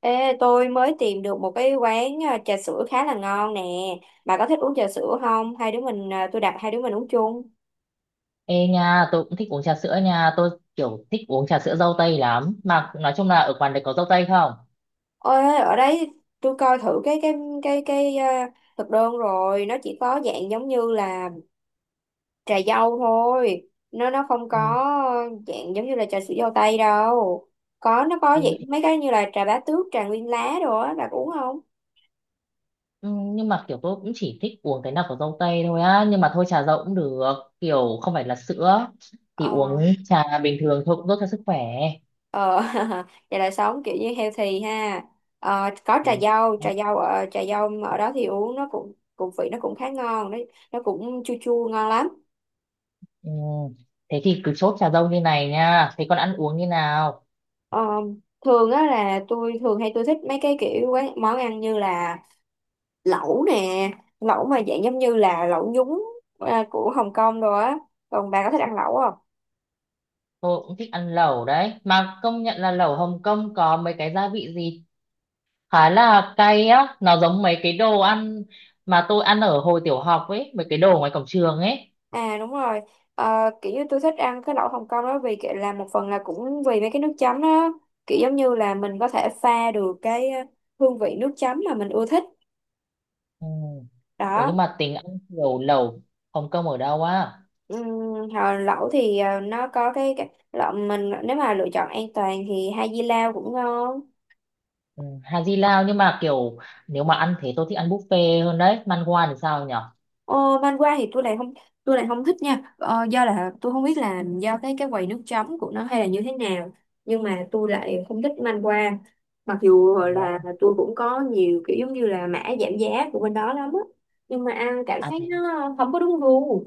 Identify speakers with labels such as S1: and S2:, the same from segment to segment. S1: Ê, tôi mới tìm được một cái quán trà sữa khá là ngon nè. Bà có thích uống trà sữa không? Hai đứa mình tôi đặt hai đứa mình uống chung.
S2: Ê nha, tôi cũng thích uống trà sữa nha, tôi kiểu thích uống trà sữa dâu tây lắm. Mà nói chung là ở quán đấy có dâu tây không?
S1: Ôi, ở đấy tôi coi thử cái thực đơn rồi, nó chỉ có dạng giống như là trà dâu thôi. Nó không có
S2: Ừ,
S1: dạng giống như là trà sữa dâu tây đâu. Nó có
S2: thế
S1: dạng
S2: thì-
S1: mấy cái như là trà bá tước, trà nguyên lá đồ á, bà có uống không?
S2: ừ, nhưng mà kiểu tôi cũng chỉ thích uống cái nào có dâu tây thôi á, nhưng mà thôi trà dâu cũng được, kiểu không phải là sữa. Thì
S1: Ờ.
S2: uống trà bình thường thôi cũng tốt cho sức khỏe.
S1: Ờ, vậy là sống kiểu như healthy ha. Ờ, có trà
S2: Đúng.
S1: dâu, trà dâu ở trà dâu ở đó thì uống nó cũng cũng vị nó cũng khá ngon đấy, nó cũng chua chua ngon lắm.
S2: Ừ. Thế thì cứ chốt trà dâu như này nha, thế còn ăn uống như nào?
S1: Ờ, thường á là tôi thường hay tôi thích mấy cái kiểu quán món ăn như là lẩu nè, lẩu mà dạng giống như là lẩu nhúng của Hồng Kông rồi á. Còn bà có thích ăn lẩu không?
S2: Tôi cũng thích ăn lẩu đấy, mà công nhận là lẩu Hồng Kông có mấy cái gia vị gì khá là cay á, nó giống mấy cái đồ ăn mà tôi ăn ở hồi tiểu học ấy, mấy cái đồ ngoài cổng trường ấy.
S1: À, đúng rồi. Ờ, kiểu như tôi thích ăn cái lẩu Hồng Kông đó vì kiểu là một phần là cũng vì mấy cái nước chấm đó, kiểu giống như là mình có thể pha được cái hương vị nước chấm mà mình ưa thích
S2: Ừ. Ủa nhưng
S1: đó.
S2: mà tính ăn kiểu lẩu Hồng Kông ở đâu á?
S1: Ừm, hồi lẩu thì nó có cái lẩu, mình nếu mà lựa chọn an toàn thì hai di lao cũng ngon.
S2: Ừ. Hà Di Lao, nhưng mà kiểu nếu mà ăn thế tôi thích ăn buffet hơn đấy. Man Wan thì sao nhở?
S1: Ờ, văn qua thì tôi lại không thích nha, do là tôi không biết là do cái quầy nước chấm của nó hay là như thế nào, nhưng mà tôi lại không thích man qua, mặc dù
S2: Thế
S1: là
S2: á.
S1: tôi cũng có nhiều kiểu giống như là mã giảm giá của bên đó lắm á, nhưng mà ăn cảm
S2: À
S1: giác
S2: thế,
S1: nó không có đúng gu.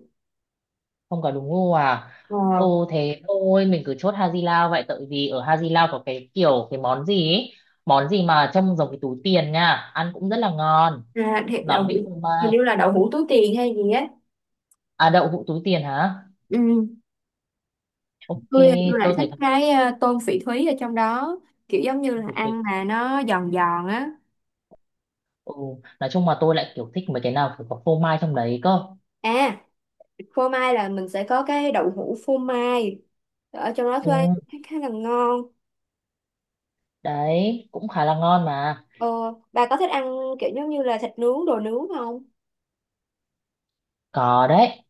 S2: không có đúng gu à?
S1: Ờ.
S2: Ồ thế thôi mình cứ chốt Hà Di Lao vậy, tại vì ở Hà Di Lao có cái kiểu cái món gì ấy, món gì mà trông giống cái túi tiền nha, ăn cũng rất là ngon.
S1: À, thì đậu
S2: Nó
S1: hũ,
S2: vị phô
S1: hình
S2: mai.
S1: như là đậu hũ túi tiền hay gì á.
S2: À đậu hũ túi tiền hả?
S1: Ừ.
S2: Ok,
S1: tôi lại
S2: tôi
S1: thích
S2: thấy
S1: cái tôm phỉ thúy ở trong đó, kiểu giống như là ăn mà nó giòn giòn á.
S2: ừ, nói chung mà tôi lại kiểu thích mấy cái nào phải có phô mai trong đấy cơ.
S1: À, phô mai là mình sẽ có cái đậu hũ phô mai ở trong đó
S2: Ừ,
S1: thuê, khá khá là ngon.
S2: đấy, cũng khá là ngon mà.
S1: Ờ, bà có thích ăn kiểu giống như là thịt nướng đồ nướng không?
S2: Có đấy,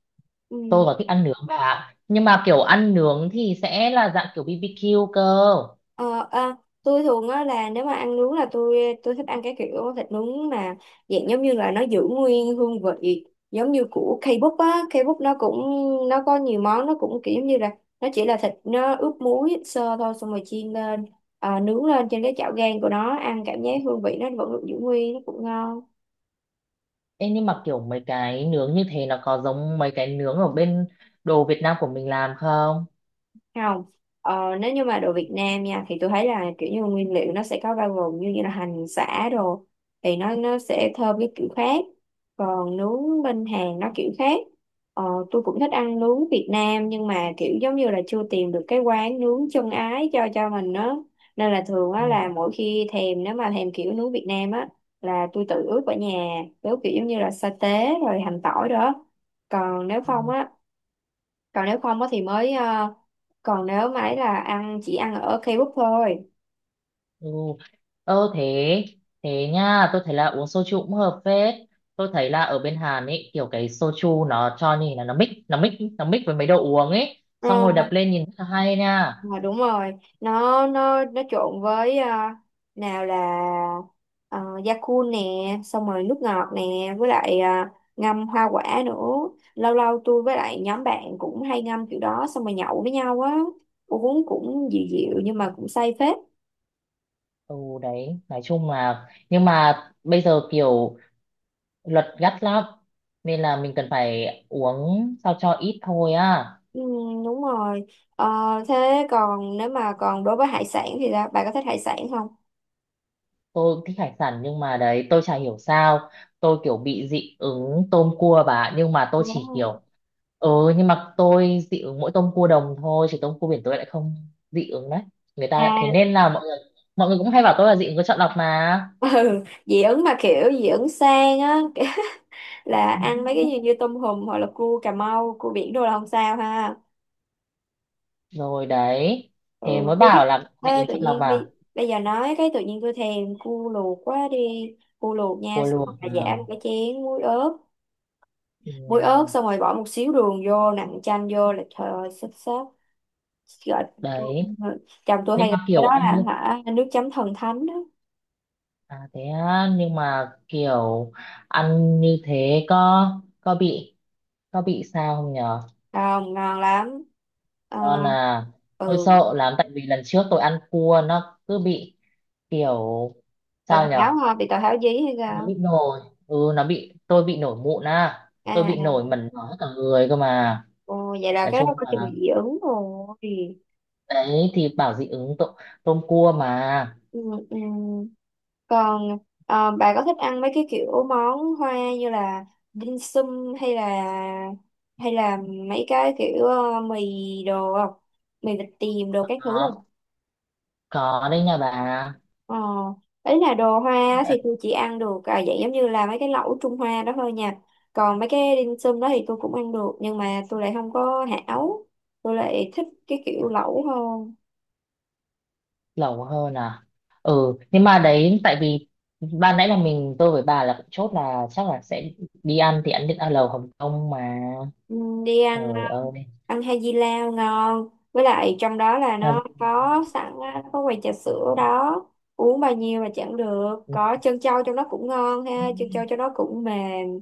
S2: tôi
S1: Ừ.
S2: còn thích ăn nướng bà ạ. Nhưng mà kiểu ăn nướng thì sẽ là dạng kiểu BBQ cơ.
S1: Ờ, tôi thường á là nếu mà ăn nướng là tôi thích ăn cái kiểu thịt nướng mà dạng giống như là nó giữ nguyên hương vị giống như của K-pop á. K-pop nó cũng, nó có nhiều món, nó cũng kiểu giống như là nó chỉ là thịt nó ướp muối sơ thôi, xong rồi chiên lên nướng lên trên cái chảo gang của nó, ăn cảm giác hương vị nó vẫn được giữ nguyên, nó cũng ngon.
S2: Ê, nhưng mà kiểu mấy cái nướng như thế nó có giống mấy cái nướng ở bên đồ Việt Nam của mình làm không?
S1: Không. Ờ, nếu như mà đồ Việt Nam nha thì tôi thấy là kiểu như nguyên liệu nó sẽ có bao gồm như như là hành sả đồ thì nó sẽ thơm cái kiểu khác, còn nướng bên Hàn nó kiểu khác. Ờ, tôi cũng thích ăn nướng Việt Nam nhưng mà kiểu giống như là chưa tìm được cái quán nướng chân ái cho mình đó, nên là thường
S2: Ừ.
S1: á là mỗi khi thèm, nếu mà thèm kiểu nướng Việt Nam á là tôi tự ướp ở nhà, ướp kiểu giống như là sa tế rồi hành tỏi đó, còn nếu không
S2: Ừ.
S1: á còn nếu không á thì mới còn nếu mà ấy là ăn chỉ ăn ở K-pop thôi.
S2: Ừ. Ờ thế, thế nha, tôi thấy là uống soju cũng hợp phết. Tôi thấy là ở bên Hàn ấy kiểu cái soju nó cho nhìn là nó mix với mấy đồ uống ấy,
S1: Ờ,
S2: xong rồi đập lên nhìn rất là hay nha.
S1: mà đúng rồi. Nó trộn với nào là da cu nè, xong rồi nước ngọt nè, với lại ngâm hoa quả nữa. Lâu lâu tôi với lại nhóm bạn cũng hay ngâm kiểu đó xong rồi nhậu với nhau á, uống cũng dịu dịu nhưng mà cũng say phết.
S2: Ừ, đấy, nói chung là nhưng mà bây giờ kiểu luật gắt lắm, nên là mình cần phải uống sao cho ít thôi á.
S1: Ừ, đúng rồi. Ờ, thế còn nếu mà còn đối với hải sản thì sao? Bạn có thích hải sản không?
S2: Tôi thích hải sản nhưng mà đấy, tôi chả hiểu sao tôi kiểu bị dị ứng tôm cua bà, nhưng mà tôi chỉ
S1: Đúng.
S2: kiểu ừ, nhưng mà tôi dị ứng mỗi tôm cua đồng thôi, chứ tôm cua biển tôi lại không dị ứng đấy. Người ta thế
S1: À,
S2: nên là mọi người cũng hay bảo tôi là dị ứng có chọn lọc mà.
S1: ừ. Dị ứng mà kiểu dị ứng sang á, là ăn mấy cái gì như tôm hùm hoặc là cua Cà Mau, cua biển đồ là không sao ha.
S2: Rồi đấy, thế
S1: Ừ,
S2: mới
S1: tôi thích.
S2: bảo là dị
S1: Ê,
S2: ứng
S1: tự
S2: chọn lọc
S1: nhiên đi,
S2: à.
S1: bây giờ nói cái tự nhiên tôi thèm cua luộc quá đi. Cua luộc nha,
S2: Cua
S1: xong
S2: luộc
S1: rồi
S2: à?
S1: giả một cái chén muối ớt,
S2: Ừ,
S1: muối ớt xong rồi bỏ một xíu đường vô, nặn chanh vô là trời ơi, xếp xếp gọi. tôi-
S2: đấy,
S1: Chồng tôi hay
S2: nhưng mà
S1: gọi cái
S2: kiểu
S1: đó
S2: ăn
S1: là
S2: như-
S1: hả nước chấm thần thánh đó,
S2: à thế á, nhưng mà kiểu ăn như thế có bị, có bị sao không nhỉ?
S1: không ngon lắm. Ờ,
S2: Còn là tôi
S1: ừ.
S2: sợ lắm, tại vì lần trước tôi ăn cua nó cứ bị kiểu, sao
S1: Tào tháo
S2: nhở,
S1: hả, bị tào tháo dí hay
S2: nó
S1: sao?
S2: bị nổi, ừ nó bị, tôi bị nổi mụn á,
S1: À,
S2: tôi bị nổi
S1: à.
S2: mẩn ngó cả người cơ mà.
S1: Ồ, vậy là
S2: Nói
S1: cái đó
S2: chung
S1: có chừng
S2: là
S1: dị ứng rồi.
S2: đấy, thì bảo dị ứng tôm, tôm cua mà.
S1: Ừ, ừ. Còn bà có thích ăn mấy cái kiểu món hoa như là dim sum hay là, hay là mấy cái kiểu mì đồ không? Mì vịt tiềm đồ các thứ
S2: có
S1: không?
S2: có đấy nha bà.
S1: Ờ, ấy là đồ hoa thì
S2: Đã.
S1: tôi chỉ ăn được dạng giống như là mấy cái lẩu Trung Hoa đó thôi nha. Còn mấy cái dim sum đó thì tôi cũng ăn được nhưng mà tôi lại không có hảo. Tôi lại thích cái kiểu lẩu hơn.
S2: Lẩu hơn à? Ừ nhưng mà đấy, tại vì ban nãy là mình, tôi với bà là cũng chốt là chắc là sẽ đi ăn thì ăn được, ăn lẩu Hồng Kông mà.
S1: Ừ, đi ăn ờ,
S2: Trời ơi.
S1: ăn hai di lao ngon, với lại trong đó là nó
S2: Sao-
S1: có sẵn á, có quầy trà sữa đó, uống bao nhiêu mà chẳng được, có trân châu trong đó cũng ngon
S2: Ừ.
S1: ha, trân châu trong đó cũng mềm.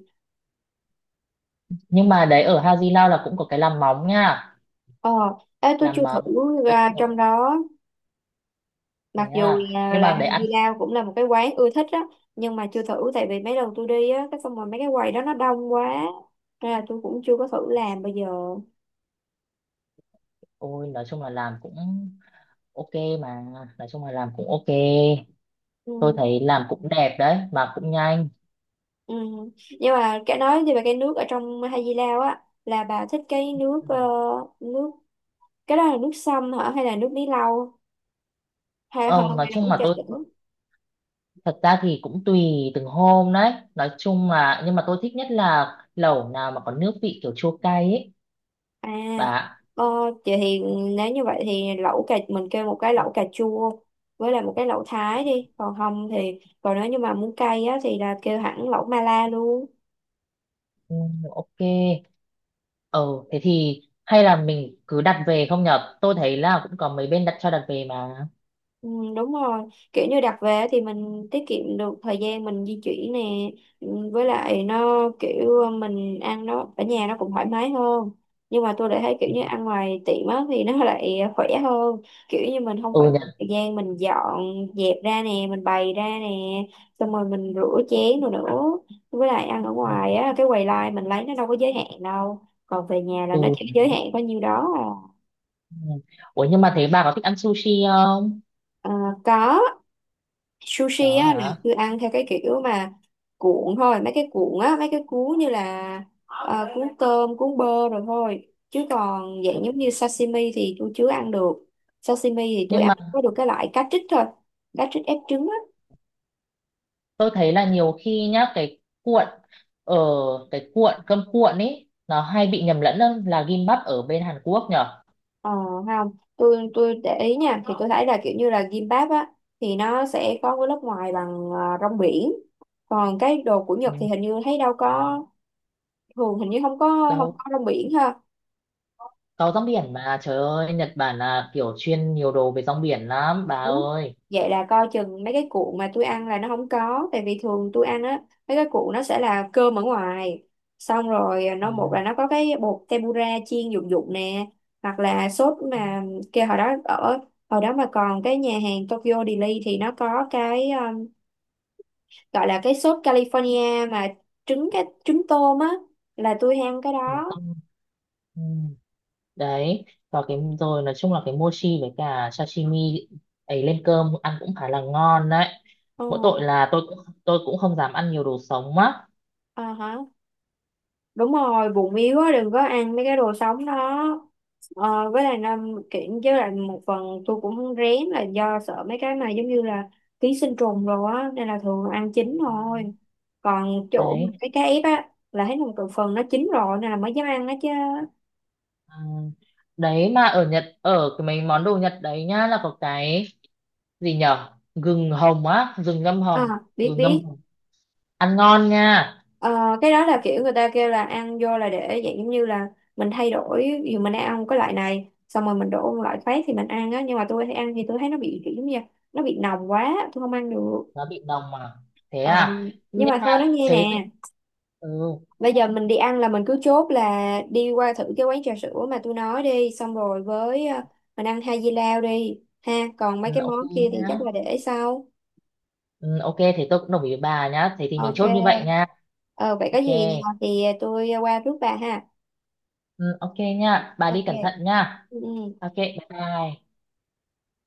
S2: Nhưng mà đấy ở Hà Di Lao là cũng có cái làm móng nha.
S1: Ờ. Ê, tôi chưa
S2: Làm
S1: thử
S2: móng, ừ,
S1: ra trong
S2: được.
S1: đó,
S2: Thế
S1: mặc dù
S2: à,
S1: là,
S2: nhưng mà đấy
S1: hai
S2: ăn,
S1: di lao cũng là một cái quán ưa thích á, nhưng mà chưa thử tại vì mấy lần tôi đi á, cái xong rồi mấy cái quầy đó nó đông quá, nên là tôi cũng chưa có thử làm bây giờ.
S2: ôi nói chung là làm cũng ok mà, nói chung là làm cũng ok. Tôi
S1: Ừ.
S2: thấy làm cũng đẹp đấy mà cũng nhanh.
S1: Ừ. Nhưng mà cái nói về cái nước ở trong Hai Di Lao á, là bà thích cái nước
S2: Ừ.
S1: nước cái đó là nước sâm hả hay là nước bí lau hay hơn,
S2: Ờ, nói
S1: hay là
S2: chung
S1: uống
S2: mà
S1: trà sữa?
S2: thật ra thì cũng tùy từng hôm đấy, nói chung là nhưng mà tôi thích nhất là lẩu nào mà có nước vị kiểu chua cay ấy
S1: À.
S2: bà.
S1: Ờ, chị thì nếu như vậy thì lẩu cà mình kêu một cái lẩu cà chua với lại một cái lẩu Thái đi, còn không thì, còn nếu như mà muốn cay á thì là kêu hẳn lẩu Mala luôn.
S2: Ừ, ok. Ừ thế thì hay là mình cứ đặt về không nhở? Tôi thấy là cũng có mấy bên đặt cho, đặt về mà.
S1: Ừ, đúng rồi, kiểu như đặt về thì mình tiết kiệm được thời gian mình di chuyển nè. Ừ, với lại nó kiểu mình ăn nó ở nhà nó cũng thoải mái hơn, nhưng mà tôi lại thấy kiểu
S2: Ừ.
S1: như ăn ngoài tiệm á thì nó lại khỏe hơn, kiểu như mình không phải
S2: Ừ nhở.
S1: thời gian mình dọn dẹp ra nè, mình bày ra nè, xong rồi mình rửa chén rồi nữa, với lại ăn ở
S2: Ừ.
S1: ngoài á cái quầy line mình lấy nó đâu có giới hạn đâu, còn về nhà là nó
S2: Ừ.
S1: chỉ giới hạn có nhiêu đó à.
S2: Ừ. Ủa nhưng mà thế bà có thích ăn sushi không?
S1: Ờ, có. Sushi
S2: Đó
S1: á là
S2: hả?
S1: cứ ăn theo cái kiểu mà cuộn thôi, mấy cái cuộn á, mấy cái cuốn như là cuốn tôm, cuốn bơ rồi thôi, chứ còn dạng
S2: Tôi-
S1: giống như sashimi thì tôi chưa ăn được. Sashimi thì tôi
S2: nhưng mà
S1: ăn có được cái loại cá trích thôi, cá trích ép trứng á.
S2: tôi thấy là nhiều khi nhá, cái cuộn, ở cái cuộn cơm cuộn ấy nó hay bị nhầm lẫn lắm là gimbap ở bên Hàn Quốc nhở.
S1: Ờ, không, tôi để ý nha thì tôi thấy là kiểu như là gimbap á thì nó sẽ có cái lớp ngoài bằng rong biển, còn cái đồ của Nhật
S2: Ừ.
S1: thì hình như thấy đâu có, thường hình như không có không
S2: Đâu,
S1: có rong biển ha.
S2: có rong biển mà, trời ơi, Nhật Bản là kiểu chuyên nhiều đồ về rong biển lắm bà
S1: Ủa?
S2: ơi.
S1: Vậy là coi chừng mấy cái cuộn mà tôi ăn là nó không có. Tại vì thường tôi ăn á, mấy cái cuộn nó sẽ là cơm ở ngoài, xong rồi
S2: À,
S1: nó, một là nó có cái bột tempura chiên dụng dụng nè, hoặc là sốt mà kia, hồi đó ở, hồi đó mà còn cái nhà hàng Tokyo Deli thì nó có cái gọi là cái sốt California mà cái trứng tôm á, là tôi ham cái
S2: ừ,
S1: đó.
S2: xong, ừ. Đấy, và cái rồi nói chung là cái mochi với cả sashimi ấy lên cơm ăn cũng khá là ngon đấy.
S1: Ừ,
S2: Mỗi tội là tôi cũng không dám ăn nhiều đồ sống á.
S1: ờ hả? Đúng rồi, bụng yếu á đừng có ăn mấy cái đồ sống đó. Ờ, với lại năm kiện, với lại một phần tôi cũng rén là do sợ mấy cái mà giống như là ký sinh trùng rồi á, nên là thường ăn chín
S2: Ừ.
S1: thôi, còn chỗ mà
S2: Đấy.
S1: cái cá ép á là thấy một phần nó chín rồi nên là mới dám ăn đó chứ.
S2: À, đấy mà ở Nhật, ở cái mấy món đồ Nhật đấy nhá, là có cái gì nhở, gừng hồng á, gừng ngâm hồng,
S1: À, biết
S2: gừng ngâm
S1: biết.
S2: hồng ăn ngon nha.
S1: Ờ, cái đó là kiểu người ta kêu là ăn vô là để dạng giống như là mình thay đổi, dù mình đang ăn cái loại này xong rồi mình đổ một loại khác thì mình ăn á, nhưng mà tôi thấy ăn thì tôi thấy nó bị kiểu giống như là nó bị nồng quá, tôi không ăn được.
S2: Nó bị nồng mà. Thế
S1: Ừ,
S2: à,
S1: nhưng
S2: nhưng
S1: mà
S2: mà
S1: thôi nói nghe
S2: thế thì-
S1: nè,
S2: ừ,
S1: bây giờ mình đi ăn là mình cứ chốt là đi qua thử cái quán trà sữa mà tôi nói đi, xong rồi với mình ăn hai dưa lao đi ha, còn mấy
S2: ừ
S1: cái món
S2: ok
S1: kia thì
S2: nhá.
S1: chắc là để sau.
S2: Ừ, ok thế tôi cũng đồng ý với bà nhá, thế thì mình
S1: Ok.
S2: chốt như vậy nha.
S1: Ờ, vậy có
S2: Ok.
S1: gì thì tôi qua rước bà ha.
S2: Ừ, ok nha. Bà đi
S1: Ok.
S2: cẩn thận nha.
S1: Ừ. Ừ.
S2: Ok, bye bye.